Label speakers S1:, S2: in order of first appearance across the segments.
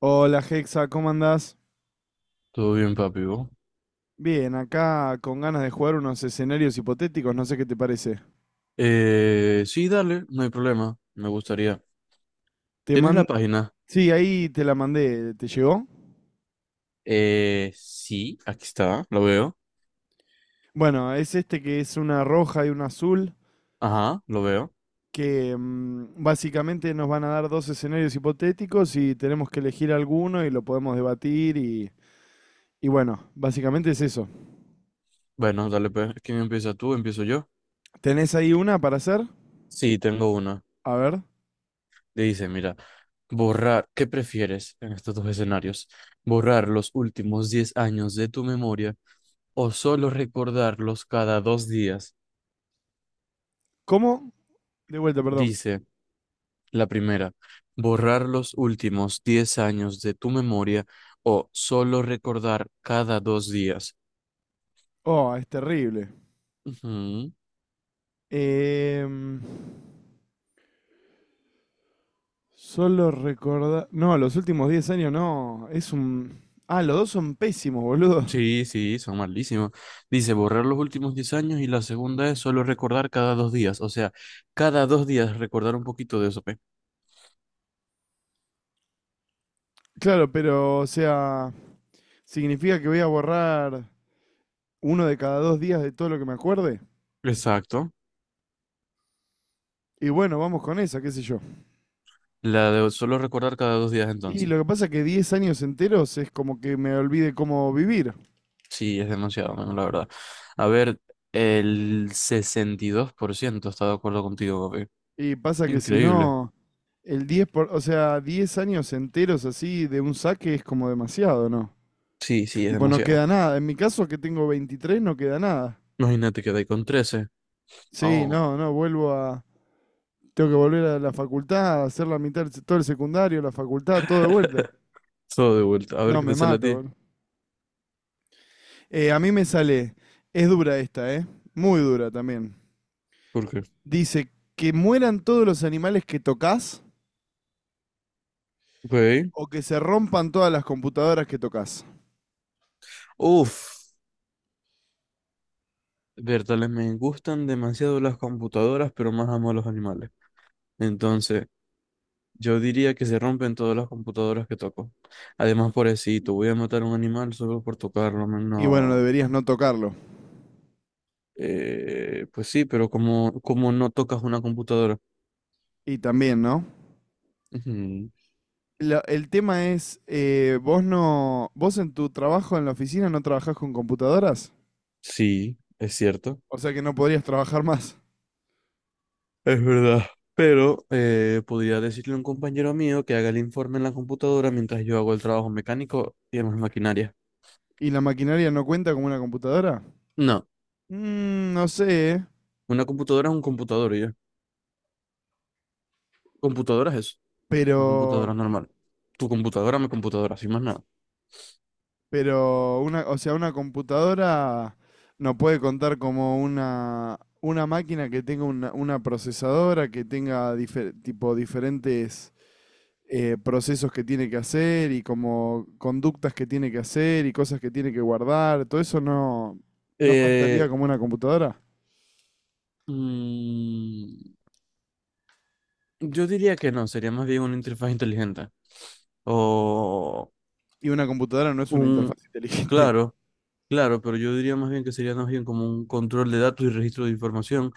S1: Hola Hexa, ¿cómo andás?
S2: Todo bien, papi, ¿vos?
S1: Bien, acá con ganas de jugar unos escenarios hipotéticos, no sé qué te parece.
S2: Sí, dale, no hay problema. Me gustaría.
S1: Te
S2: ¿Tienes la
S1: man...
S2: página?
S1: Sí, ahí te la mandé, ¿te llegó?
S2: Sí, aquí está, lo veo.
S1: Bueno, es este que es una roja y una azul,
S2: Ajá, lo veo.
S1: que básicamente nos van a dar dos escenarios hipotéticos y tenemos que elegir alguno y lo podemos debatir y bueno, básicamente es eso.
S2: Bueno, dale, pues. ¿Quién empieza tú? ¿Empiezo yo?
S1: ¿Tenés ahí una para hacer?
S2: Sí, tengo una.
S1: A ver.
S2: Dice, mira, borrar, ¿qué prefieres en estos dos escenarios? ¿Borrar los últimos 10 años de tu memoria o solo recordarlos cada 2 días?
S1: ¿Cómo? De vuelta, perdón.
S2: Dice. La primera, borrar los últimos 10 años de tu memoria o solo recordar cada 2 días.
S1: Oh, es terrible.
S2: Ujú.
S1: Em, Solo recordar. No, los últimos 10 años no. Es un. Ah, los dos son pésimos, boludo.
S2: Sí, sí, son malísimos. Dice borrar los últimos 10 años y la segunda es solo recordar cada 2 días. O sea, cada 2 días recordar un poquito de eso, ¿pe?
S1: Claro, pero, o sea, significa que voy a borrar uno de cada 2 días de todo lo que me acuerde.
S2: Exacto.
S1: Y bueno, vamos con esa, qué sé yo.
S2: La de solo recordar cada 2 días
S1: Y
S2: entonces.
S1: lo que pasa es que 10 años enteros es como que me olvide cómo vivir.
S2: Sí, es demasiado, men, la verdad. A ver, el 62% está de acuerdo contigo, papi.
S1: Y pasa que si
S2: Increíble.
S1: no, el 10 por, o sea, 10 años enteros así de un saque es como demasiado, ¿no?
S2: Sí, sí, es
S1: Tipo, no
S2: demasiado.
S1: queda nada. En mi caso, que tengo 23, no queda nada.
S2: Imagínate que dais con 13.
S1: Sí,
S2: Oh,
S1: no, no, vuelvo a. Tengo que volver a la facultad, hacer la mitad, todo el secundario, la facultad, todo de vuelta.
S2: todo de vuelta. A ver
S1: No,
S2: qué
S1: me
S2: te sale a
S1: mato,
S2: ti.
S1: boludo. A mí me sale, es dura esta, ¿eh? Muy dura también.
S2: ¿Por qué?
S1: Dice, que mueran todos los animales que tocas
S2: Ok.
S1: o que se rompan todas las computadoras que tocas.
S2: Uf. Bertales, me gustan demasiado las computadoras, pero más amo a los animales. Entonces, yo diría que se rompen todas las computadoras que toco. Además, pobrecito, voy a matar a un animal solo por tocarlo. Men,
S1: Y bueno, no
S2: no.
S1: deberías no tocarlo.
S2: Pues sí, pero como no tocas una computadora.
S1: Y también, ¿no?
S2: Ujú.
S1: El tema es, vos no, vos en tu trabajo en la oficina no trabajás con computadoras,
S2: Sí, es cierto.
S1: o sea que no podrías trabajar más.
S2: Es verdad. Pero podría decirle a un compañero mío que haga el informe en la computadora mientras yo hago el trabajo mecánico y demás maquinaria.
S1: ¿Y la maquinaria no cuenta como una computadora?
S2: No,
S1: Mm, no sé, ¿eh?
S2: una computadora es un computador y ya. Computadora es eso, una
S1: Pero,
S2: computadora normal. Tu computadora, mi computadora, sin más nada.
S1: pero una, o sea, una computadora no puede contar como una máquina que tenga una procesadora, que tenga tipo diferentes procesos que tiene que hacer y como conductas que tiene que hacer y cosas que tiene que guardar. Todo eso no, no contaría
S2: Eh,
S1: como una computadora.
S2: mm, yo diría que no, sería más bien una interfaz inteligente. O
S1: Y una computadora no es una
S2: un.
S1: interfaz inteligente.
S2: Claro, claro, pero yo diría más bien que sería más bien como un control de datos y registro de información.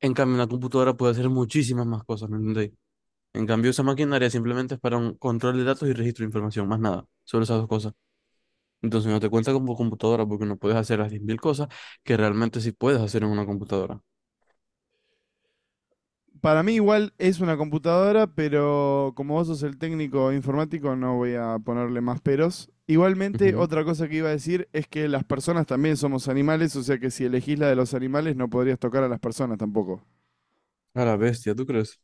S2: En cambio, una computadora puede hacer muchísimas más cosas, ¿me entendéis? En cambio, esa maquinaria simplemente es para un control de datos y registro de información, más nada, solo esas dos cosas. Entonces no te cuenta como computadora porque no puedes hacer las 10.000 cosas que realmente sí puedes hacer en una computadora.
S1: Para mí igual es una computadora, pero como vos sos el técnico informático, no voy a ponerle más peros. Igualmente,
S2: Ujú.
S1: otra cosa que iba a decir es que las personas también somos animales, o sea que si elegís la de los animales no podrías tocar a las personas tampoco.
S2: A la bestia, ¿tú crees?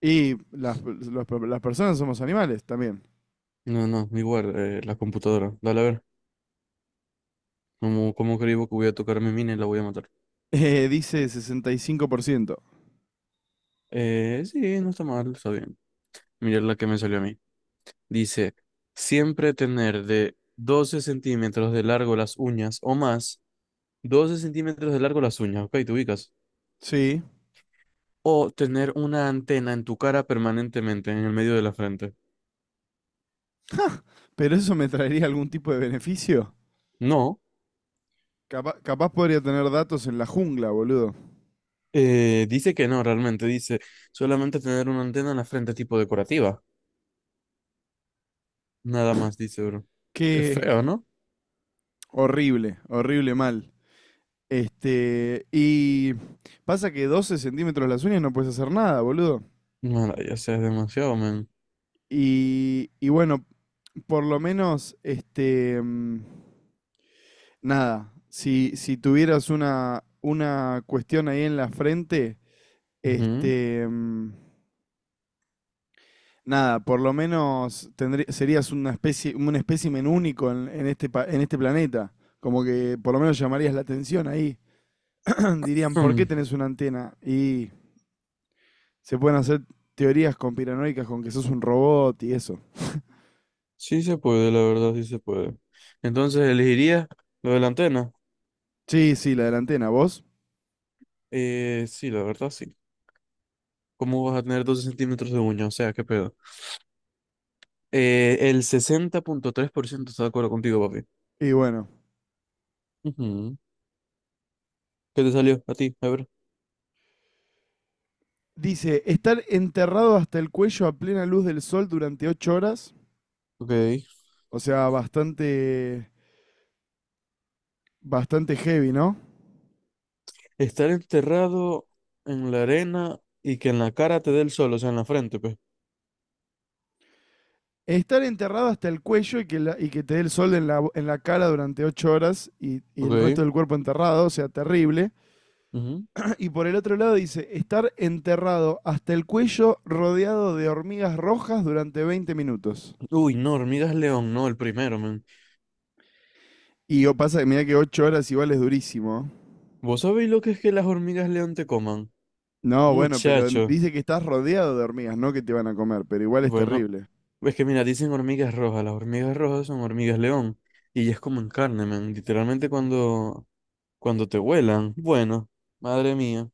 S1: Y las, las personas somos animales también.
S2: No, no, igual, la computadora. Dale, a ver, ¿cómo creo que voy a tocar mi mina y la voy a matar?
S1: Dice 65%.
S2: Sí, no está mal, está bien. Mirad la que me salió a mí. Dice, siempre tener de 12 centímetros de largo las uñas o más 12 centímetros de largo las uñas, ok, te ubicas.
S1: Sí.
S2: O tener una antena en tu cara permanentemente, en el medio de la frente.
S1: ¿Pero eso me traería algún tipo de beneficio?
S2: No,
S1: Capaz podría tener datos en la jungla, boludo.
S2: dice que no, realmente dice solamente tener una antena en la frente tipo decorativa. Nada más dice, bro. Qué
S1: Qué qué-
S2: feo, ¿no?
S1: Horrible, horrible mal. Este, y pasa que 12 centímetros las uñas no puedes hacer nada, boludo.
S2: No, ya sea, es demasiado, man.
S1: Y bueno, por lo menos, este, nada, si tuvieras una cuestión ahí en la frente,
S2: Ujú.
S1: este, nada, por lo menos serías una especie, un espécimen único en este planeta. Como que por lo menos llamarías la atención ahí. Dirían, ¿por qué
S2: Hmm.
S1: tenés una antena? Y se pueden hacer teorías conspiranoicas con que sos un robot y eso.
S2: Sí se puede, la verdad, sí se puede. Entonces, ¿elegiría lo de la antena?
S1: Sí, sí, la de la antena, vos.
S2: Sí, la verdad, sí. ¿Cómo vas a tener 12 centímetros de uña? O sea, qué pedo. El 60.3% está de acuerdo contigo, papi.
S1: Y bueno.
S2: Ujú. ¿Qué te salió a ti? A ver.
S1: Dice, estar enterrado hasta el cuello a plena luz del sol durante 8 horas.
S2: Ok.
S1: O sea, bastante, bastante heavy, ¿no?
S2: Estar enterrado en la arena y que en la cara te dé el sol, o sea, en la frente, pues.
S1: Estar enterrado hasta el cuello y que, y que te dé el sol en la cara durante 8 horas y el resto
S2: Ok.
S1: del cuerpo enterrado, o sea, terrible.
S2: Ujú.
S1: Y por el otro lado dice, estar enterrado hasta el cuello rodeado de hormigas rojas durante 20 minutos.
S2: Uy, no, hormigas león, no, el primero, man.
S1: Y yo pasa que mira que 8 horas igual es durísimo.
S2: ¿Vos sabéis lo que es que las hormigas león te coman?
S1: No, bueno, pero
S2: Muchacho.
S1: dice que estás rodeado de hormigas, no que te van a comer, pero igual es
S2: Bueno,
S1: terrible.
S2: es que mira, dicen hormigas rojas. Las hormigas rojas son hormigas león. Y ellas comen carne, man. Literalmente cuando te vuelan. Bueno, madre mía.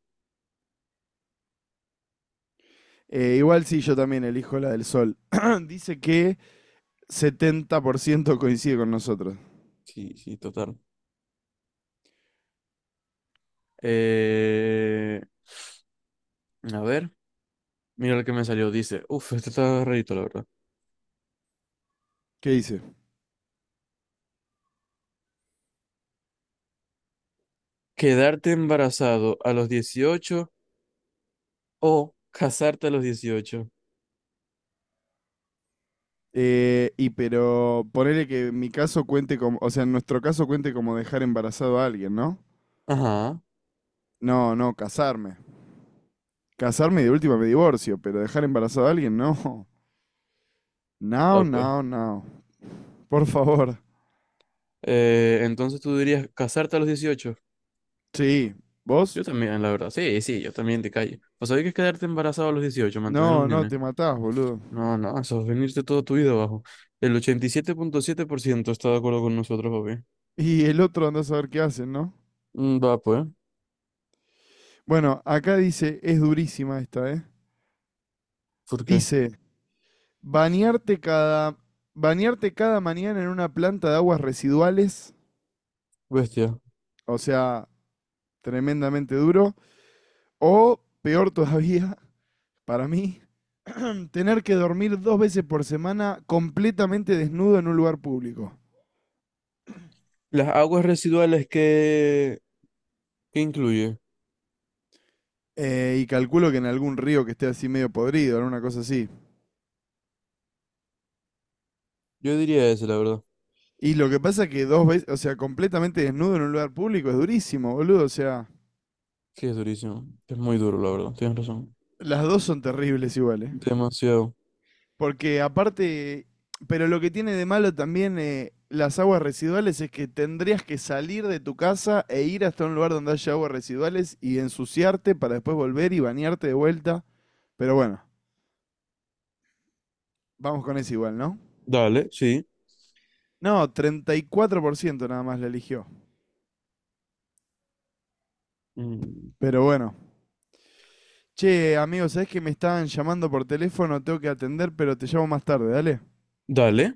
S1: Igual sí, yo también elijo la del sol. Dice que 70% coincide con nosotros.
S2: Sí, sí, total. Eh, a ver, mira lo que me salió. Dice, uf, este está rarito, la verdad.
S1: ¿Qué dice?
S2: Quedarte embarazado a los 18 o casarte a los 18.
S1: Y pero ponele que mi caso cuente como, o sea, en nuestro caso cuente como dejar embarazado a alguien, ¿no?
S2: Ajá,
S1: No, no, casarme. Casarme y de última me divorcio, pero dejar embarazado a alguien, no. No,
S2: ah, pues.
S1: no, no. Por favor.
S2: Entonces tú dirías casarte a los 18.
S1: Sí. ¿Vos?
S2: Yo también, la verdad. Sí, sí, yo también te callo. Pues sabés que es quedarte embarazado a los 18 mantener
S1: No,
S2: un
S1: no,
S2: nene.
S1: te matás, boludo.
S2: No, no, eso es venirte toda tu vida abajo. El ochenta y siete punto siete por ciento está de acuerdo con nosotros, papi.
S1: Y el otro andás a ver qué hacen, ¿no?
S2: Mm. Va, pues.
S1: Bueno, acá dice, es durísima esta, ¿eh?
S2: ¿Por qué?
S1: Dice, bañarte cada, bañarte cada mañana en una planta de aguas residuales,
S2: Bestia.
S1: o sea, tremendamente duro, o peor todavía, para mí, tener que dormir dos veces por semana completamente desnudo en un lugar público.
S2: Las aguas residuales que, ¿qué incluye?
S1: Y calculo que en algún río que esté así medio podrido, en una cosa así.
S2: Yo diría ese, la verdad.
S1: Y lo que pasa es que dos veces, o sea, completamente desnudo en un lugar público es durísimo, boludo. O sea,
S2: Sí, es durísimo. Es muy duro, la verdad. Tienes razón.
S1: las dos son terribles iguales.
S2: Demasiado.
S1: Porque aparte, pero lo que tiene de malo también las aguas residuales es que tendrías que salir de tu casa e ir hasta un lugar donde haya aguas residuales y ensuciarte para después volver y bañarte de vuelta. Pero bueno, vamos con eso igual, ¿no?
S2: Dale, sí.
S1: No, 34% nada más la eligió.
S2: Mm.
S1: Pero bueno. Che, amigo, ¿sabés que me estaban llamando por teléfono? Tengo que atender, pero te llamo más tarde, dale.
S2: Dale.